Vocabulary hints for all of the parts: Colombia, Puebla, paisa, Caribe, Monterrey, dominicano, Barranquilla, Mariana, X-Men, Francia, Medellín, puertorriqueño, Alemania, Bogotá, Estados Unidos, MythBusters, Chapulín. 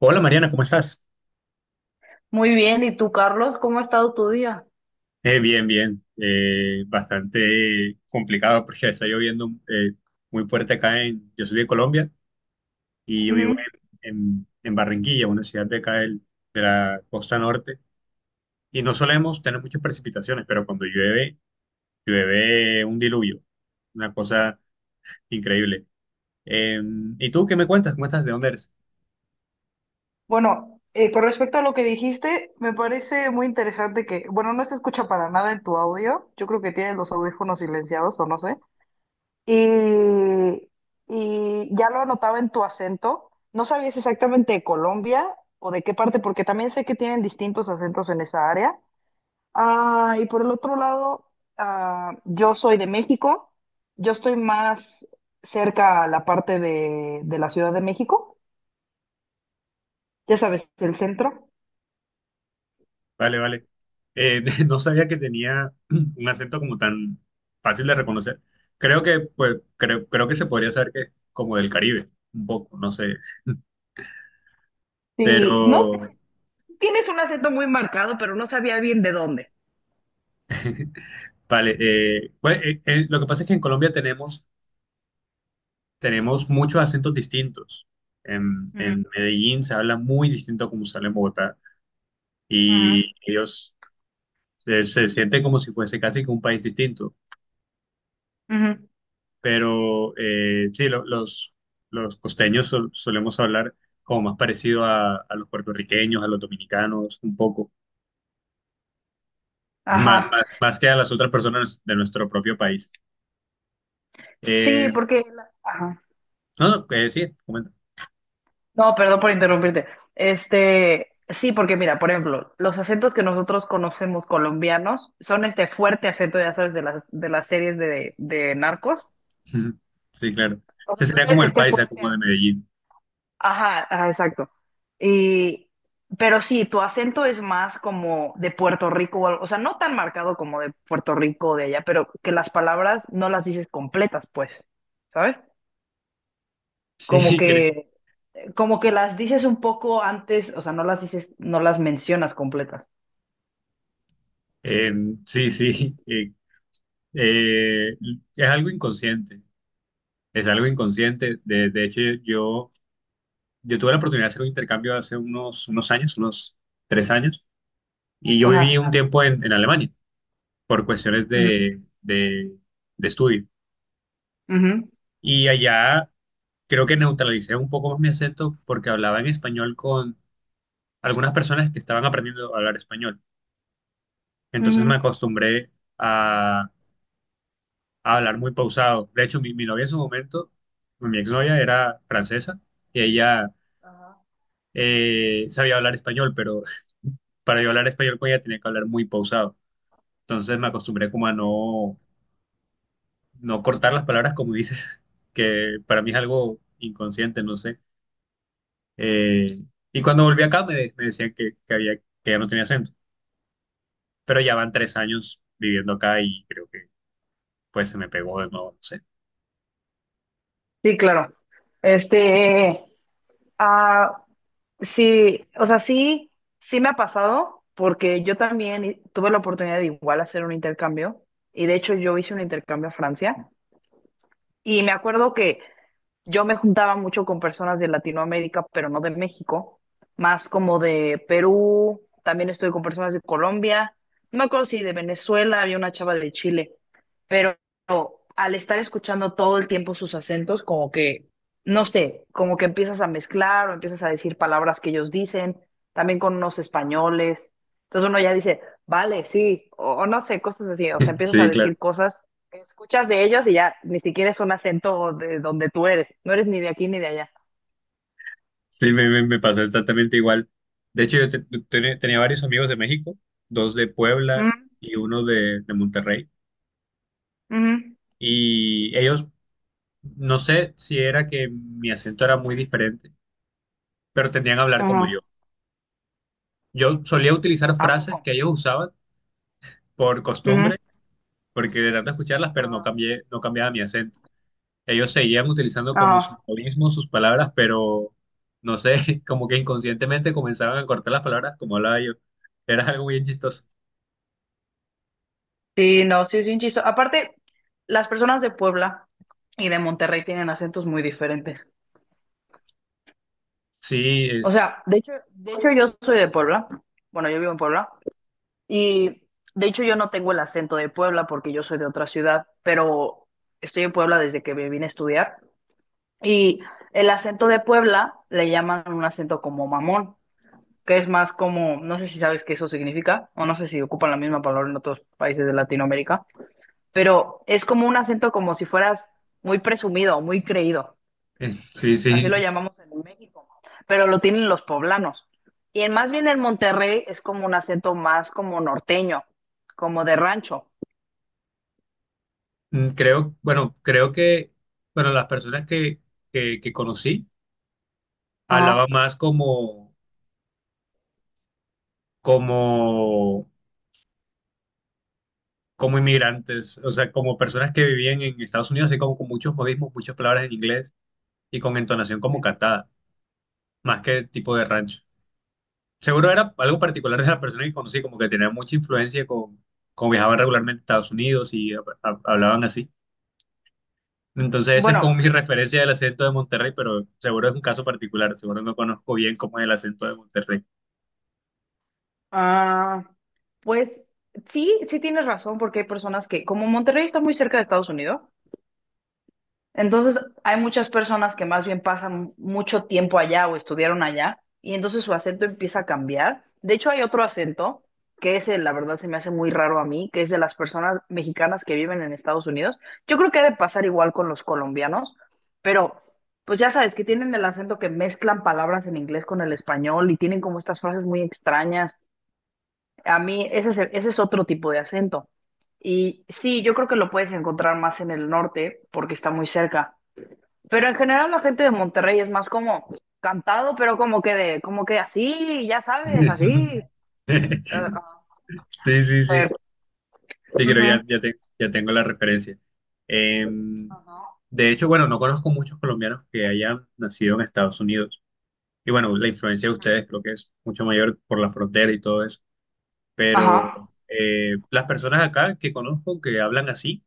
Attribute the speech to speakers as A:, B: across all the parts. A: Hola Mariana, ¿cómo estás?
B: Muy bien, ¿y tú, Carlos? ¿Cómo ha estado tu día?
A: Bien, bien. Bastante complicado porque está lloviendo muy fuerte acá en... Yo soy de Colombia y yo vivo
B: Ujú.
A: en Barranquilla, una ciudad de acá de la costa norte. Y no solemos tener muchas precipitaciones, pero cuando llueve, llueve un diluvio. Una cosa increíble. Eh, ¿Y tú qué me cuentas? ¿Cómo estás? ¿De dónde eres?
B: Bueno, con respecto a lo que dijiste, me parece muy interesante que, bueno, no se escucha para nada en tu audio, yo creo que tienes los audífonos silenciados o no sé, y, ya lo anotaba en tu acento, no sabías exactamente de Colombia o de qué parte, porque también sé que tienen distintos acentos en esa área. Y por el otro lado, yo soy de México, yo estoy más cerca a la parte de la Ciudad de México, ya sabes, el centro.
A: Vale, vale. No sabía que tenía un acento como tan fácil de reconocer. Creo que, pues, creo que se podría saber que es como del Caribe, un poco, no sé.
B: Sí, no sé,
A: Pero,
B: tienes un acento muy marcado, pero no sabía bien de dónde.
A: vale, eh, bueno, eh, eh, lo que pasa es que en Colombia tenemos, tenemos muchos acentos distintos. En,
B: Ujú,
A: en Medellín se habla muy distinto a como se habla en Bogotá y
B: ujú,
A: ellos se sienten como si fuese casi que un país distinto.
B: ujú.
A: Pero sí, los costeños solemos hablar como más parecido a los puertorriqueños, a los dominicanos, un poco, más,
B: Ajá.
A: más, más que a las otras personas de nuestro propio país.
B: Sí,
A: Eh,
B: porque... Ajá.
A: no, no, sí, comenta.
B: No, perdón por interrumpirte. Este, sí, porque mira, por ejemplo, los acentos que nosotros conocemos colombianos son este fuerte acento, ya sabes, de de las series de narcos.
A: Sí, claro. Ese sería
B: Osasuna
A: como
B: es
A: el
B: este
A: paisa,
B: fuerte.
A: como de Medellín.
B: Ajá, ajá, exacto. Y, pero sí, tu acento es más como de Puerto Rico o algo, o sea, no tan marcado como de Puerto Rico o de allá, pero que las palabras no las dices completas, pues, ¿sabes? Como
A: Sí,
B: que, como que las dices un poco antes, o sea, no las dices, no las mencionas completas.
A: eh, sí, sí. Eh, es algo inconsciente, es algo inconsciente. De hecho, yo tuve la oportunidad de hacer un intercambio hace unos, unos años, unos 3 años. Y yo viví
B: Ajá.
A: un tiempo en Alemania por cuestiones
B: Ujú,
A: de estudio.
B: ujú,
A: Y allá creo que neutralicé un poco más mi acento porque hablaba en español con algunas personas que estaban aprendiendo a hablar español. Entonces me
B: ujú.
A: acostumbré a, a hablar muy pausado. De hecho, mi novia en su momento, mi exnovia era francesa y ella
B: Ajá,
A: sabía hablar español, pero para yo hablar español con ella tenía que hablar muy pausado. Entonces me acostumbré como a
B: sí,
A: no cortar las palabras como dices, que para mí es algo inconsciente, no sé. Eh, y cuando volví
B: sí.
A: acá me decían que había, que ya no tenía acento, pero ya van 3 años viviendo acá y creo que pues se me pegó de nuevo, no sé.
B: Sí, claro. Este. Ah, sí, o sea, sí, sí me ha pasado porque yo también tuve la oportunidad de igual hacer un intercambio y de hecho yo hice un intercambio a Francia y me acuerdo que yo me juntaba mucho con personas de Latinoamérica, pero no de México, más como de Perú, también estuve con personas de Colombia, no me acuerdo si de Venezuela, había una chava de Chile al estar escuchando todo el tiempo sus acentos, como que, no sé, como que empiezas a mezclar o empiezas a decir palabras que ellos dicen, también con unos españoles. Entonces uno ya dice, vale, sí, o no sé, cosas así. O sea, empiezas a
A: Sí, claro.
B: decir cosas que escuchas de ellos y ya ni siquiera es un acento de donde tú eres. No eres ni de aquí ni de allá.
A: Sí, me pasó exactamente igual. De hecho, yo tenía varios amigos de México, dos de Puebla
B: Mm,
A: y uno de Monterrey.
B: ujú,
A: Y ellos, no sé si era que mi acento era muy diferente, pero tendían a hablar como yo.
B: ujú.
A: Yo solía utilizar
B: ¿A poco?
A: frases que ellos usaban por
B: Ujú,
A: costumbre, porque de tanto escucharlas, pero
B: ajá,
A: no cambiaba mi acento. Ellos seguían utilizando como sus
B: ajá.
A: modismos, sus palabras, pero no sé, como que inconscientemente comenzaban a cortar las palabras como hablaba yo. Era algo bien chistoso.
B: Sí, no, sí, es un chistoso. Aparte, las personas de Puebla y de Monterrey tienen acentos muy diferentes.
A: Sí,
B: O
A: es,
B: sea, de hecho yo soy de Puebla. Bueno, yo vivo en Puebla. Y de hecho yo no tengo el acento de Puebla porque yo soy de otra ciudad, pero estoy en Puebla desde que me vine a estudiar. Y el acento de Puebla le llaman un acento como mamón, que es más como, no sé si sabes qué eso significa, o no sé si ocupan la misma palabra en otros países de Latinoamérica, pero es como un acento como si fueras muy presumido, muy creído,
A: sí,
B: así
A: sí.
B: lo llamamos en México, pero lo tienen los poblanos. Y en, más bien en Monterrey es como un acento más como norteño, como de rancho.
A: Mm, creo, bueno, creo que, bueno, las personas que conocí
B: Ajá.
A: hablaban más como, como como inmigrantes, o sea, como personas que vivían en Estados Unidos, así como con muchos modismos, muchas palabras en inglés y con entonación como cantada, más que tipo de rancho. Seguro era algo particular de la persona que conocí, como que tenía mucha influencia con viajaban regularmente a Estados Unidos y hablaban así. Entonces, esa es como
B: Bueno,
A: mi referencia del acento de Monterrey, pero seguro es un caso particular, seguro no conozco bien cómo es el acento de Monterrey.
B: ah, pues sí, sí tienes razón porque hay personas que, como Monterrey está muy cerca de Estados Unidos, entonces, hay muchas personas que más bien pasan mucho tiempo allá o estudiaron allá y entonces su acento empieza a cambiar. De hecho, hay otro acento que ese, la verdad, se me hace muy raro a mí, que es de las personas mexicanas que viven en Estados Unidos. Yo creo que ha de pasar igual con los colombianos, pero pues ya sabes que tienen el acento que mezclan palabras en inglés con el español y tienen como estas frases muy extrañas. A mí, ese es otro tipo de acento. Y sí, yo creo que lo puedes encontrar más en el norte porque está muy cerca, pero en general la gente de Monterrey es más como cantado, pero como que de, como que así, ya sabes, así. eh,
A: Sí, sí,
B: a
A: sí.
B: ver,
A: Sí, creo
B: ujú.
A: ya tengo la referencia. Em,
B: Ajá.
A: de hecho, bueno, no conozco muchos colombianos que hayan nacido en Estados Unidos. Y bueno, la influencia de ustedes creo que es mucho mayor por la frontera y todo eso. Pero
B: Ajá.
A: las personas acá que conozco que hablan así,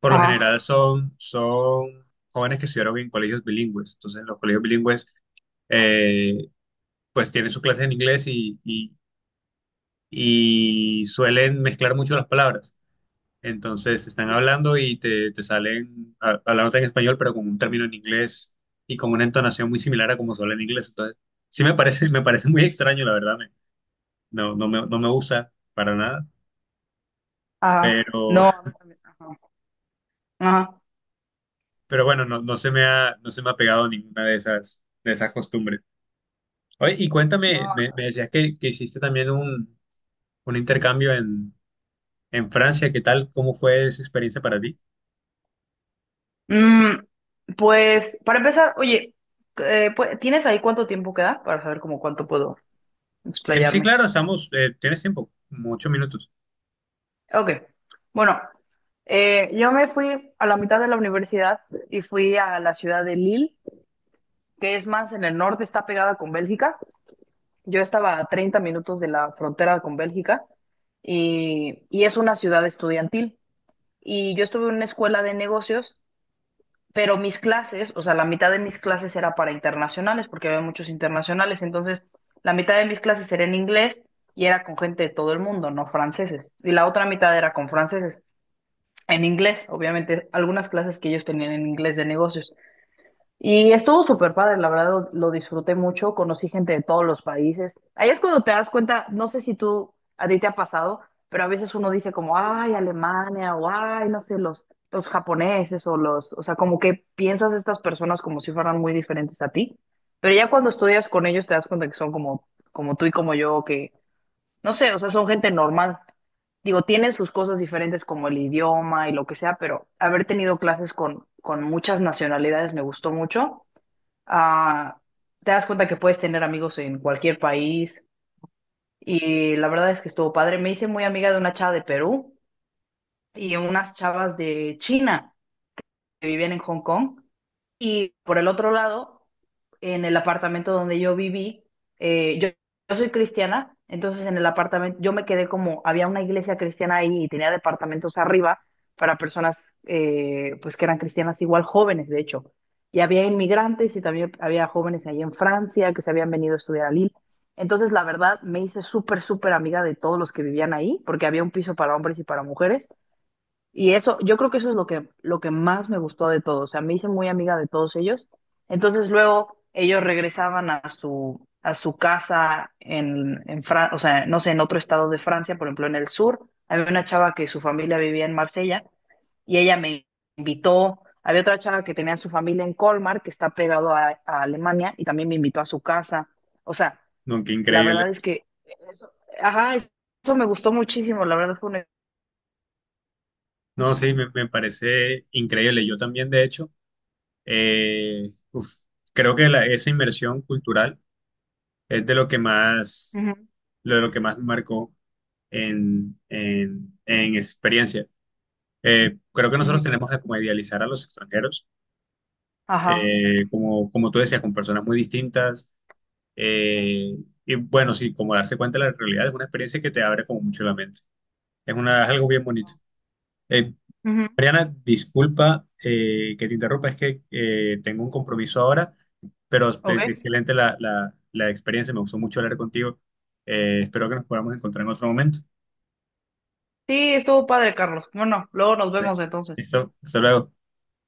A: por lo
B: Ajá, ajá.
A: general son jóvenes que estudiaron en colegios bilingües. Entonces, los colegios bilingües eh, pues tienen sus clases en inglés y suelen mezclar mucho las palabras. Entonces están
B: Mm,
A: hablando y te salen hablándote en español, pero con un término en inglés y con una entonación muy similar a como se habla en inglés. Entonces, sí me parece, me parece muy extraño, la verdad. No, no me gusta para nada.
B: ajá.
A: Pero,
B: No, no, ajá. Ajá.
A: pero bueno, no, no se me ha pegado ninguna de esas costumbres. Oye, y cuéntame,
B: No.
A: me decías que hiciste también un intercambio en Francia. ¿Qué tal? ¿Cómo fue esa experiencia para ti?
B: Mm, pues, para empezar, oye, ¿tienes ahí cuánto tiempo queda? Para saber como cuánto puedo
A: Sí,
B: explayarme.
A: claro, estamos, tienes tiempo, como 8 minutos.
B: Ok. Bueno, yo me fui a la mitad de la universidad y fui a la ciudad de Lille, que es más en el norte, está pegada con Bélgica. Yo estaba a 30 minutos de la frontera con Bélgica y, es una ciudad estudiantil. Y yo estuve en una escuela de negocios, pero mis clases, o sea, la mitad de mis clases era para internacionales, porque había muchos internacionales. Entonces, la mitad de mis clases era en inglés y era con gente de todo el mundo, no franceses. Y la otra mitad era con franceses, en inglés, obviamente, algunas clases que ellos tenían en inglés de negocios. Y estuvo súper padre, la verdad lo, disfruté mucho, conocí gente de todos los países. Ahí es cuando te das cuenta, no sé si tú, a ti te ha pasado, pero a veces uno dice como, ay, Alemania, o ay, no sé, los japoneses, o sea, como que piensas de estas personas como si fueran muy diferentes a ti, pero ya cuando estudias con ellos te das cuenta que son como, como tú y como yo, que, no sé, o sea, son gente normal. Digo, tienen sus cosas diferentes como el idioma y lo que sea, pero haber tenido clases con, muchas nacionalidades me gustó mucho. Ah, te das cuenta que puedes tener amigos en cualquier país y la verdad es que estuvo padre. Me hice muy amiga de una chava de Perú y unas chavas de China que vivían en Hong Kong y por el otro lado, en el apartamento donde yo viví, eh, yo, yo soy cristiana, entonces en el apartamento yo me quedé como, había una iglesia cristiana ahí y tenía departamentos arriba para personas pues que eran cristianas igual jóvenes, de hecho. Y había inmigrantes y también había jóvenes ahí en Francia que se habían venido a estudiar a Lille. Entonces, la verdad, me hice súper, súper amiga de todos los que vivían ahí, porque había un piso para hombres y para mujeres. Y eso, yo creo que eso es lo que más me gustó de todo. O sea, me hice muy amiga de todos ellos. Entonces luego ellos regresaban a su casa en Francia, o sea, no sé, en otro estado de Francia, por ejemplo, en el sur. Había una chava que su familia vivía en Marsella y ella me invitó. Había otra chava que tenía su familia en Colmar, que está pegado a Alemania, y también me invitó a su casa. O sea,
A: No, qué
B: la
A: increíble.
B: verdad es que eso, ajá, eso me gustó muchísimo. La verdad fue una...
A: No, sí, me parece increíble. Yo también, de hecho, uf, creo que esa inmersión cultural es de lo que más,
B: Ujú,
A: lo de lo que más me marcó en experiencia. Creo que nosotros
B: ujú.
A: tenemos que como idealizar a los extranjeros,
B: Ajá.
A: como, como tú decías, con personas muy distintas. eh, y bueno, sí, como darse cuenta de la realidad es una experiencia que te abre como mucho la mente. Es una, es algo bien bonito. Eh,
B: Ujú.
A: Mariana, disculpa que te interrumpa, es que tengo un compromiso ahora, pero
B: Ok.
A: excelente la, la experiencia, me gustó mucho hablar contigo. Espero que nos podamos encontrar en otro momento.
B: Sí, estuvo padre, Carlos. Bueno, luego nos vemos entonces.
A: Listo, hasta luego.